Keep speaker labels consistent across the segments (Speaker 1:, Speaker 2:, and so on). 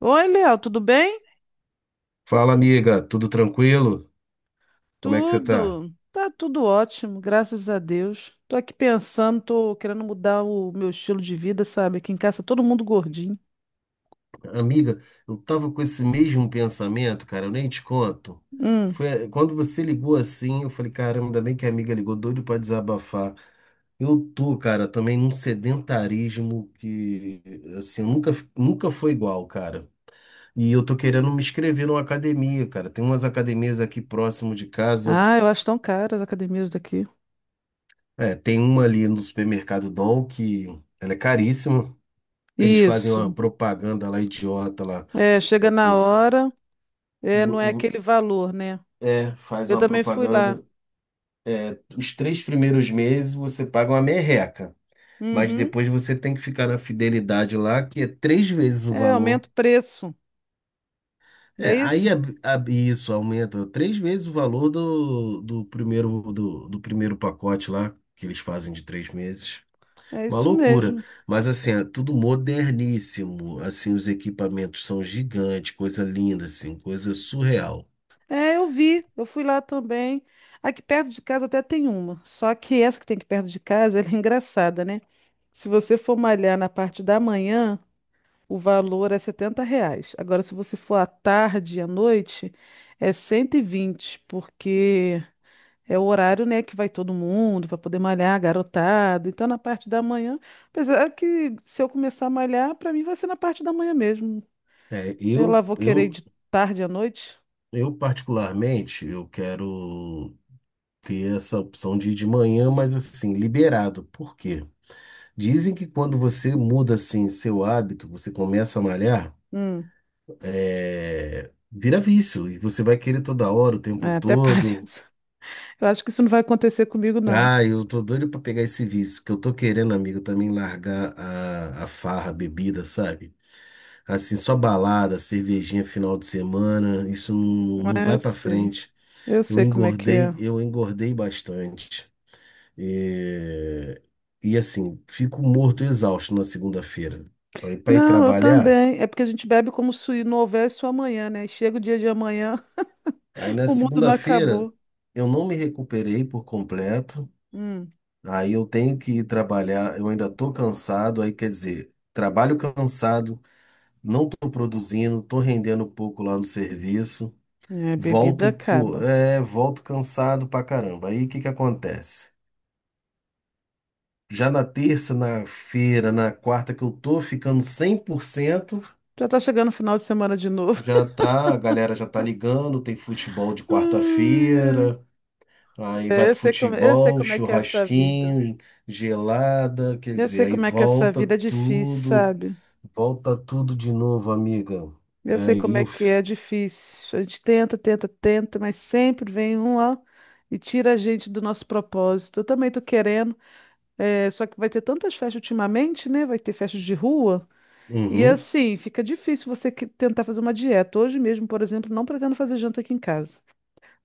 Speaker 1: Oi, Léo, tudo bem?
Speaker 2: Fala, amiga, tudo tranquilo? Como é que você tá?
Speaker 1: Tudo. Tá tudo ótimo, graças a Deus. Tô aqui pensando, tô querendo mudar o meu estilo de vida, sabe? Aqui em casa todo mundo gordinho.
Speaker 2: Amiga, eu tava com esse mesmo pensamento, cara, eu nem te conto.
Speaker 1: Hum.
Speaker 2: Foi quando você ligou assim, eu falei, caramba, ainda bem que a amiga ligou, doido pra desabafar. Eu tô, cara, também num sedentarismo que, assim, nunca foi igual, cara. E eu tô querendo me inscrever numa academia, cara. Tem umas academias aqui próximo de casa.
Speaker 1: Ah, eu acho tão caras as academias daqui.
Speaker 2: É, tem uma ali no supermercado Dom que ela é caríssima. Eles fazem uma
Speaker 1: Isso.
Speaker 2: propaganda lá, idiota lá.
Speaker 1: É, chega na
Speaker 2: Os-
Speaker 1: hora, é,
Speaker 2: vo-
Speaker 1: não é
Speaker 2: vo-
Speaker 1: aquele valor, né?
Speaker 2: É, faz
Speaker 1: Eu
Speaker 2: uma
Speaker 1: também fui lá.
Speaker 2: propaganda. Os três primeiros meses você paga uma merreca, mas
Speaker 1: Uhum.
Speaker 2: depois você tem que ficar na fidelidade lá, que é três vezes o
Speaker 1: É,
Speaker 2: valor.
Speaker 1: aumenta o preço, não
Speaker 2: É,
Speaker 1: é isso?
Speaker 2: isso aumenta três vezes o valor do primeiro, do primeiro pacote lá, que eles fazem de 3 meses.
Speaker 1: É
Speaker 2: Uma
Speaker 1: isso
Speaker 2: loucura.
Speaker 1: mesmo.
Speaker 2: Mas assim, é tudo moderníssimo. Assim, os equipamentos são gigantes, coisa linda, assim, coisa surreal.
Speaker 1: É, eu vi, eu fui lá também. Aqui perto de casa até tem uma, só que essa que tem aqui perto de casa, ela é engraçada, né? Se você for malhar na parte da manhã, o valor é R$ 70. Agora, se você for à tarde e à noite, é 120, porque é o horário, né, que vai todo mundo para poder malhar, garotada. Então, na parte da manhã, apesar que se eu começar a malhar, para mim vai ser na parte da manhã mesmo.
Speaker 2: É,
Speaker 1: Eu lá
Speaker 2: eu,
Speaker 1: vou querer ir
Speaker 2: eu,
Speaker 1: de tarde à noite.
Speaker 2: eu particularmente, eu quero ter essa opção de ir de manhã, mas assim, liberado. Por quê? Dizem que quando você muda assim seu hábito, você começa a malhar,
Speaker 1: Hum,
Speaker 2: é, vira vício e você vai querer toda hora, o tempo
Speaker 1: É, até
Speaker 2: todo.
Speaker 1: parece. Eu acho que isso não vai acontecer comigo, não.
Speaker 2: Ah, eu tô doido pra pegar esse vício, que eu tô querendo, amigo, também largar a farra, a bebida, sabe? Assim, só balada, cervejinha final de semana, isso não, não
Speaker 1: É, eu
Speaker 2: vai pra
Speaker 1: sei.
Speaker 2: frente.
Speaker 1: Eu
Speaker 2: Eu
Speaker 1: sei como é que
Speaker 2: engordei,
Speaker 1: é.
Speaker 2: eu engordei bastante. É, e assim, fico morto e exausto na segunda-feira. Aí para ir
Speaker 1: Não, eu
Speaker 2: trabalhar,
Speaker 1: também. É porque a gente bebe como se não houvesse o amanhã, né? Chega o dia de amanhã,
Speaker 2: aí na
Speaker 1: o mundo não
Speaker 2: segunda-feira
Speaker 1: acabou.
Speaker 2: eu não me recuperei por completo.
Speaker 1: Hum,
Speaker 2: Aí eu tenho que ir trabalhar, eu ainda tô cansado, aí quer dizer, trabalho cansado, não tô produzindo, tô rendendo pouco lá no serviço.
Speaker 1: É, bebida
Speaker 2: Volto, pô,
Speaker 1: acaba.
Speaker 2: é, volto cansado pra caramba. Aí o que que acontece? Já na terça, na feira, na quarta que eu tô ficando 100%,
Speaker 1: Já tá chegando o final de semana de novo.
Speaker 2: já tá, a galera já tá ligando, tem futebol de
Speaker 1: Ai, ai.
Speaker 2: quarta-feira, aí vai
Speaker 1: É,
Speaker 2: pro
Speaker 1: eu sei
Speaker 2: futebol,
Speaker 1: como é que é essa vida.
Speaker 2: churrasquinho, gelada, quer
Speaker 1: Eu
Speaker 2: dizer,
Speaker 1: sei
Speaker 2: aí
Speaker 1: como é que é essa vida é difícil, sabe?
Speaker 2: volta tudo de novo, amiga.
Speaker 1: Eu sei
Speaker 2: Aí
Speaker 1: como é
Speaker 2: eu,
Speaker 1: que
Speaker 2: f-
Speaker 1: é difícil. A gente tenta, tenta, tenta, mas sempre vem um lá e tira a gente do nosso propósito. Eu também tô querendo, só que vai ter tantas festas ultimamente, né? Vai ter festas de rua. E
Speaker 2: uhum.
Speaker 1: assim, fica difícil você tentar fazer uma dieta. Hoje mesmo, por exemplo, não pretendo fazer janta aqui em casa.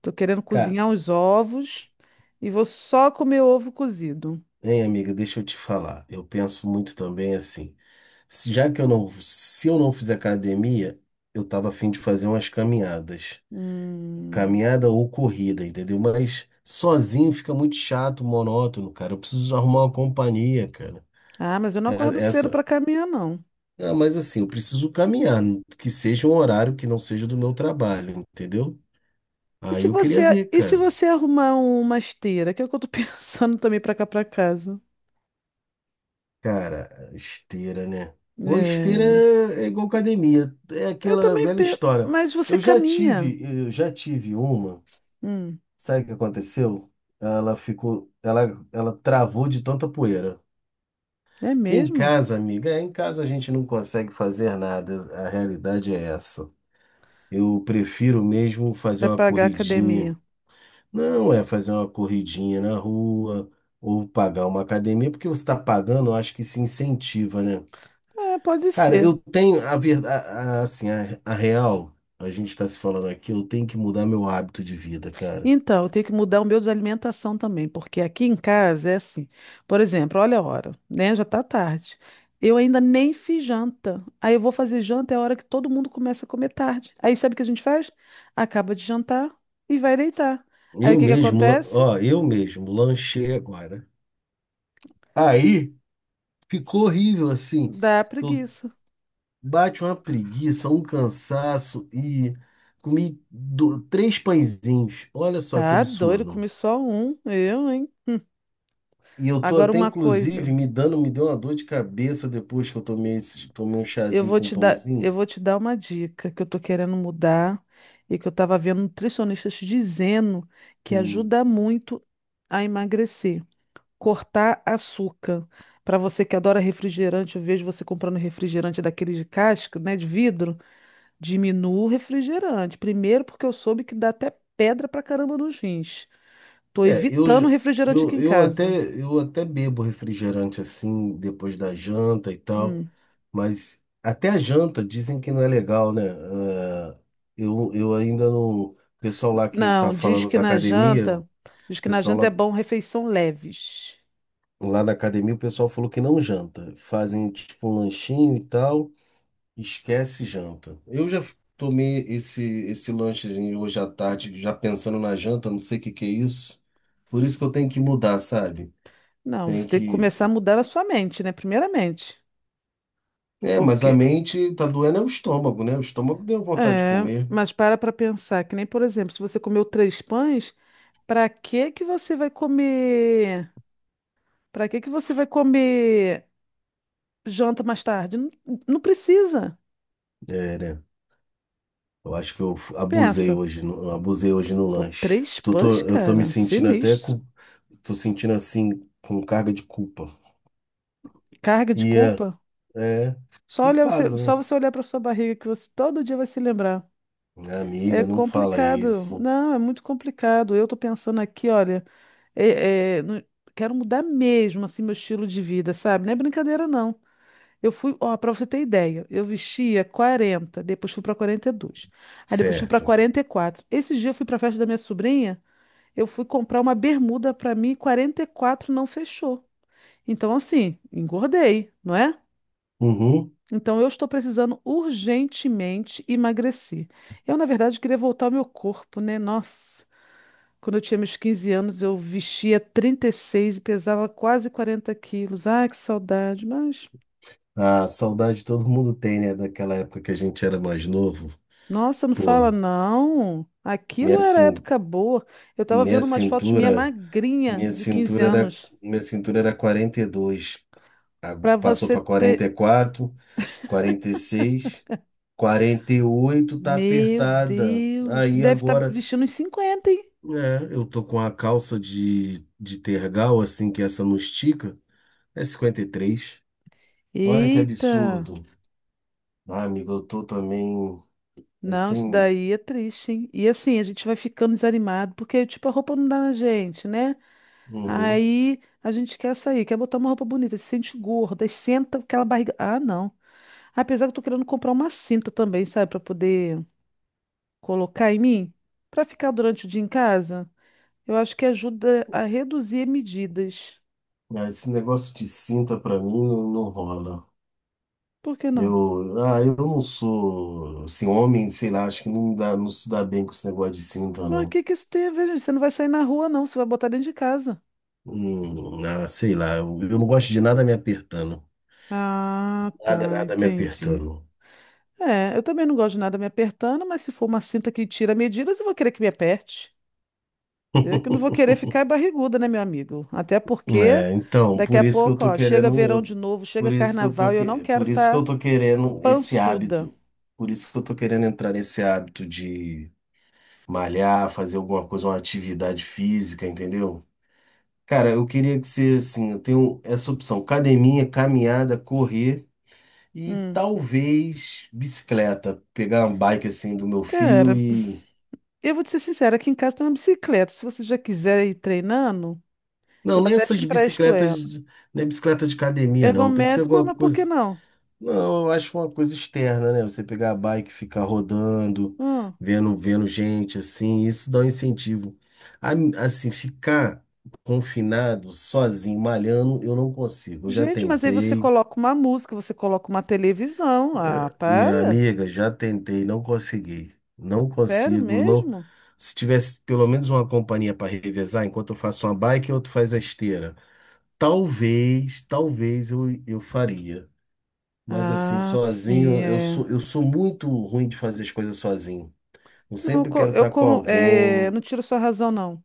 Speaker 1: Tô querendo
Speaker 2: Cara,
Speaker 1: cozinhar uns ovos e vou só comer ovo cozido.
Speaker 2: hein, amiga, deixa eu te falar. Eu penso muito também assim, se- já que eu não, se eu não fizer academia, eu tava afim de fazer umas caminhadas.
Speaker 1: Hum.
Speaker 2: Caminhada ou corrida, entendeu? Mas sozinho fica muito chato, monótono, cara. Eu preciso arrumar uma companhia, cara.
Speaker 1: Ah, mas eu não acordo
Speaker 2: É-
Speaker 1: cedo
Speaker 2: Essa.
Speaker 1: para caminhar, não.
Speaker 2: Ah, mas assim, eu preciso caminhar, que seja um horário que não seja do meu trabalho, entendeu?
Speaker 1: E
Speaker 2: Aí
Speaker 1: se
Speaker 2: eu queria
Speaker 1: você,
Speaker 2: ver,
Speaker 1: e se
Speaker 2: cara.
Speaker 1: você arrumar uma esteira, que é o que eu tô pensando também pra cá pra casa.
Speaker 2: Cara, esteira, né? Ou esteira
Speaker 1: É,
Speaker 2: é igual academia, é
Speaker 1: eu
Speaker 2: aquela
Speaker 1: também
Speaker 2: velha
Speaker 1: penso,
Speaker 2: história.
Speaker 1: mas você
Speaker 2: Eu já
Speaker 1: caminha.
Speaker 2: tive, eu já tive uma,
Speaker 1: Hum,
Speaker 2: sabe o que aconteceu? Ela travou de tanta poeira.
Speaker 1: é
Speaker 2: Que em
Speaker 1: mesmo?
Speaker 2: casa, amiga, é, em casa a gente não consegue fazer nada, a realidade é essa. Eu prefiro mesmo fazer
Speaker 1: É
Speaker 2: uma
Speaker 1: pagar
Speaker 2: corridinha.
Speaker 1: academia.
Speaker 2: Não é fazer uma corridinha na rua ou pagar uma academia, porque você está pagando, eu acho que se incentiva, né?
Speaker 1: É, pode
Speaker 2: Cara,
Speaker 1: ser.
Speaker 2: eu tenho a verdade, assim, a real, a gente está se falando aqui, eu tenho que mudar meu hábito de vida, cara.
Speaker 1: Então, eu tenho que mudar o meu de alimentação também, porque aqui em casa é assim. Por exemplo, olha a hora, né? Já tá tarde. Eu ainda nem fiz janta. Aí eu vou fazer janta, é a hora que todo mundo começa a comer tarde. Aí sabe o que a gente faz? Acaba de jantar e vai deitar. Aí o que que acontece?
Speaker 2: Ó, eu mesmo lanchei agora. Aí ficou horrível assim.
Speaker 1: Dá preguiça.
Speaker 2: Bate uma preguiça, um cansaço e comi três pãezinhos. Olha só que
Speaker 1: Tá doido,
Speaker 2: absurdo.
Speaker 1: comi só um, eu, hein?
Speaker 2: E eu tô
Speaker 1: Agora
Speaker 2: até,
Speaker 1: uma coisa,
Speaker 2: inclusive, me deu uma dor de cabeça depois que eu tomei, esse, tomei um
Speaker 1: eu
Speaker 2: chazinho
Speaker 1: vou
Speaker 2: com
Speaker 1: te dar, eu
Speaker 2: pãozinho.
Speaker 1: vou te dar uma dica que eu tô querendo mudar e que eu tava vendo nutricionistas dizendo que
Speaker 2: Hum.
Speaker 1: ajuda muito a emagrecer, cortar açúcar. Para você que adora refrigerante, eu vejo você comprando refrigerante daqueles de casca, né, de vidro, diminua o refrigerante. Primeiro porque eu soube que dá até pedra pra caramba nos rins. Tô
Speaker 2: É, eu,
Speaker 1: evitando
Speaker 2: j-
Speaker 1: refrigerante aqui
Speaker 2: eu,
Speaker 1: em
Speaker 2: eu até,
Speaker 1: casa.
Speaker 2: eu até bebo refrigerante assim, depois da janta e tal,
Speaker 1: Hum.
Speaker 2: mas até a janta dizem que não é legal, né? Ah, eu ainda não. O pessoal lá que tá
Speaker 1: Não, diz
Speaker 2: falando
Speaker 1: que
Speaker 2: da
Speaker 1: na
Speaker 2: academia. O
Speaker 1: janta, diz que na
Speaker 2: pessoal
Speaker 1: janta é
Speaker 2: lá
Speaker 1: bom refeição leves.
Speaker 2: Lá na academia o pessoal falou que não janta. Fazem tipo um lanchinho e tal, esquece janta. Eu já tomei esse lanchezinho hoje à tarde, já pensando na janta, não sei o que que é isso. Por isso que eu tenho que mudar, sabe?
Speaker 1: Não,
Speaker 2: Tem
Speaker 1: você tem que
Speaker 2: que.
Speaker 1: começar a mudar a sua mente, né? Primeiramente.
Speaker 2: É, mas a
Speaker 1: Porque,
Speaker 2: mente tá doendo é o estômago, né? O estômago deu vontade de
Speaker 1: é,
Speaker 2: comer.
Speaker 1: mas para pensar, que nem, por exemplo, se você comeu três pães, para que que você vai comer? Para que que você vai comer janta mais tarde? Não, não precisa.
Speaker 2: É, né? Eu acho que eu abusei
Speaker 1: Pensa.
Speaker 2: hoje, abusei hoje no
Speaker 1: Pô,
Speaker 2: lanche.
Speaker 1: três pães,
Speaker 2: Eu tô me
Speaker 1: cara,
Speaker 2: sentindo até
Speaker 1: sinistro.
Speaker 2: com, tô sentindo assim com carga de culpa.
Speaker 1: Carga de
Speaker 2: E
Speaker 1: culpa.
Speaker 2: É,
Speaker 1: Só olhar você,
Speaker 2: culpado, né?
Speaker 1: só você olhar para sua barriga que você todo dia vai se lembrar.
Speaker 2: Minha
Speaker 1: É
Speaker 2: amiga, não fala
Speaker 1: complicado.
Speaker 2: isso.
Speaker 1: Não, é muito complicado. Eu tô pensando aqui, olha, é- é, no- quero mudar mesmo assim meu estilo de vida, sabe? Não é brincadeira, não. Eu fui, ó, pra você ter ideia, eu vestia 40, depois fui pra 42. Aí depois fui pra
Speaker 2: Certo.
Speaker 1: 44. Esse dia eu fui pra festa da minha sobrinha, eu fui comprar uma bermuda pra mim, 44 não fechou. Então assim, engordei, não é?
Speaker 2: Uhum.
Speaker 1: Então, eu estou precisando urgentemente emagrecer. Eu, na verdade, queria voltar ao meu corpo, né? Nossa, quando eu tinha meus 15 anos, eu vestia 36 e seis e pesava quase 40 quilos. Ai, que saudade. Mas,
Speaker 2: A saudade todo mundo tem, né? Daquela época que a gente era mais novo.
Speaker 1: nossa, não fala
Speaker 2: Pô,
Speaker 1: não.
Speaker 2: minha,
Speaker 1: Aquilo era
Speaker 2: cin
Speaker 1: época boa. Eu estava
Speaker 2: minha
Speaker 1: vendo umas fotos minha
Speaker 2: cintura,
Speaker 1: magrinha de 15 anos.
Speaker 2: minha cintura era 42,
Speaker 1: Para
Speaker 2: passou
Speaker 1: você
Speaker 2: para
Speaker 1: ter.
Speaker 2: quarenta e quatro, 46, 48 tá
Speaker 1: Meu
Speaker 2: apertada.
Speaker 1: Deus, tu
Speaker 2: Aí
Speaker 1: deve estar
Speaker 2: agora,
Speaker 1: vestindo uns 50, hein?
Speaker 2: é, eu tô com a calça de tergal, assim, que essa não estica, é 53. Olha que
Speaker 1: Eita!
Speaker 2: absurdo. Ah, amigo, eu tô também é,
Speaker 1: Não, isso
Speaker 2: sem.
Speaker 1: daí é triste, hein? E assim, a gente vai ficando desanimado, porque, tipo, a roupa não dá na gente, né?
Speaker 2: Uhum.
Speaker 1: Aí a gente quer sair, quer botar uma roupa bonita, se sente gorda, aí senta aquela barriga. Ah, não. Apesar que eu tô querendo comprar uma cinta também, sabe, pra poder colocar em mim, pra ficar durante o dia em casa. Eu acho que ajuda a reduzir medidas.
Speaker 2: Ah, esse negócio de cinta pra mim não, não rola.
Speaker 1: Por que não?
Speaker 2: Eu não sou assim, homem, sei lá, acho que não dá, não se dá bem com esse negócio de cinta,
Speaker 1: Mas o
Speaker 2: não.
Speaker 1: que que isso tem a ver, gente? Você não vai sair na rua, não, você vai botar dentro de casa.
Speaker 2: Ah, sei lá, eu não gosto de nada me apertando.
Speaker 1: Ah,
Speaker 2: Nada,
Speaker 1: tá,
Speaker 2: nada me
Speaker 1: entendi.
Speaker 2: apertando.
Speaker 1: É, eu também não gosto de nada me apertando, mas se for uma cinta que tira medidas, eu vou querer que me aperte. Eu que não vou querer ficar barriguda, né, meu amigo? Até porque
Speaker 2: É, então,
Speaker 1: daqui a pouco, ó, chega verão de novo,
Speaker 2: por
Speaker 1: chega
Speaker 2: isso que
Speaker 1: carnaval e eu não quero
Speaker 2: por isso que eu
Speaker 1: estar
Speaker 2: tô querendo esse
Speaker 1: pançuda.
Speaker 2: hábito. Por isso que eu tô querendo entrar nesse hábito de malhar, fazer alguma coisa, uma atividade física, entendeu? Cara, eu queria que você, assim, eu tenho essa opção: academia, caminhada, correr e
Speaker 1: Hum.
Speaker 2: talvez bicicleta. Pegar uma bike assim do meu filho
Speaker 1: Cara,
Speaker 2: e.
Speaker 1: eu vou te ser sincera, aqui em casa tem uma bicicleta. Se você já quiser ir treinando,
Speaker 2: Não,
Speaker 1: eu
Speaker 2: não é
Speaker 1: até te
Speaker 2: essas
Speaker 1: empresto
Speaker 2: bicicletas,
Speaker 1: ela.
Speaker 2: de- não é bicicleta de academia, não. Tem que ser
Speaker 1: Ergométrico,
Speaker 2: alguma
Speaker 1: mas por que
Speaker 2: coisa.
Speaker 1: não?
Speaker 2: Não, eu acho uma coisa externa, né? Você pegar a bike e ficar rodando,
Speaker 1: Hum.
Speaker 2: vendo gente assim, isso dá um incentivo. A- Assim, ficar confinado, sozinho, malhando, eu não consigo. Eu já
Speaker 1: Gente, mas aí você
Speaker 2: tentei,
Speaker 1: coloca uma música, você coloca uma televisão. Ah,
Speaker 2: minha
Speaker 1: para?
Speaker 2: amiga, já tentei, não consegui. Não
Speaker 1: Sério
Speaker 2: consigo, não.
Speaker 1: mesmo?
Speaker 2: Se tivesse pelo menos uma companhia para revezar, enquanto eu faço uma bike, o outro faz a esteira. Talvez eu faria. Mas assim,
Speaker 1: Ah, sim,
Speaker 2: sozinho, eu
Speaker 1: é.
Speaker 2: sou, eu sou muito ruim de fazer as coisas sozinho. Eu
Speaker 1: Não, eu,
Speaker 2: sempre
Speaker 1: co-
Speaker 2: quero
Speaker 1: eu
Speaker 2: estar com
Speaker 1: con- é,
Speaker 2: alguém.
Speaker 1: não tiro sua razão, não.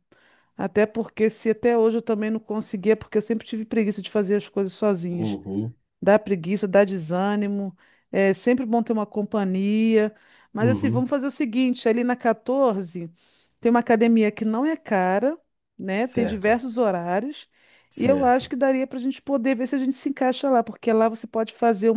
Speaker 1: Até porque se até hoje eu também não conseguia, porque eu sempre tive preguiça de fazer as coisas sozinhas.
Speaker 2: Uhum,
Speaker 1: Dá preguiça, dá desânimo. É sempre bom ter uma companhia. Mas assim,
Speaker 2: uhum.
Speaker 1: vamos fazer o seguinte, ali na 14 tem uma academia que não é cara, né? Tem
Speaker 2: Certo,
Speaker 1: diversos horários. E eu acho
Speaker 2: certo.
Speaker 1: que daria para a gente poder ver se a gente se encaixa lá, porque lá você pode fazer.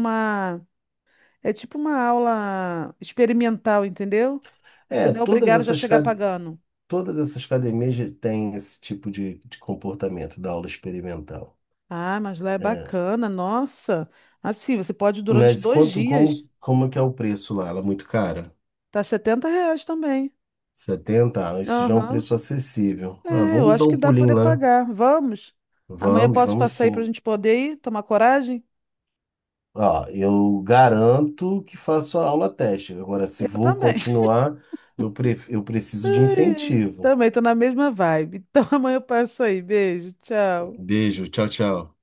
Speaker 1: É tipo uma aula experimental, entendeu? Você
Speaker 2: É,
Speaker 1: não é obrigado já a chegar pagando.
Speaker 2: todas essas academias já têm esse tipo de comportamento da aula experimental.
Speaker 1: Ah, mas lá é
Speaker 2: É.
Speaker 1: bacana, nossa. Assim, você pode ir durante
Speaker 2: Mas
Speaker 1: dois
Speaker 2: quanto, como,
Speaker 1: dias.
Speaker 2: como é que é o preço lá? Ela é muito cara?
Speaker 1: Tá, setenta reais também.
Speaker 2: 70. Ah, isso já é um
Speaker 1: Aham.
Speaker 2: preço acessível. Ah,
Speaker 1: É, eu
Speaker 2: vamos dar
Speaker 1: acho que
Speaker 2: um
Speaker 1: dá pra
Speaker 2: pulinho
Speaker 1: poder
Speaker 2: lá.
Speaker 1: pagar. Vamos? Amanhã
Speaker 2: Vamos,
Speaker 1: posso
Speaker 2: vamos
Speaker 1: passar aí pra
Speaker 2: sim.
Speaker 1: gente poder ir, tomar coragem?
Speaker 2: Ó, eu garanto que faço a aula teste. Agora, se
Speaker 1: Eu
Speaker 2: vou
Speaker 1: também.
Speaker 2: continuar, eu preciso de incentivo.
Speaker 1: Também tô na mesma vibe. Então amanhã eu passo aí. Beijo, tchau.
Speaker 2: Beijo, tchau, tchau.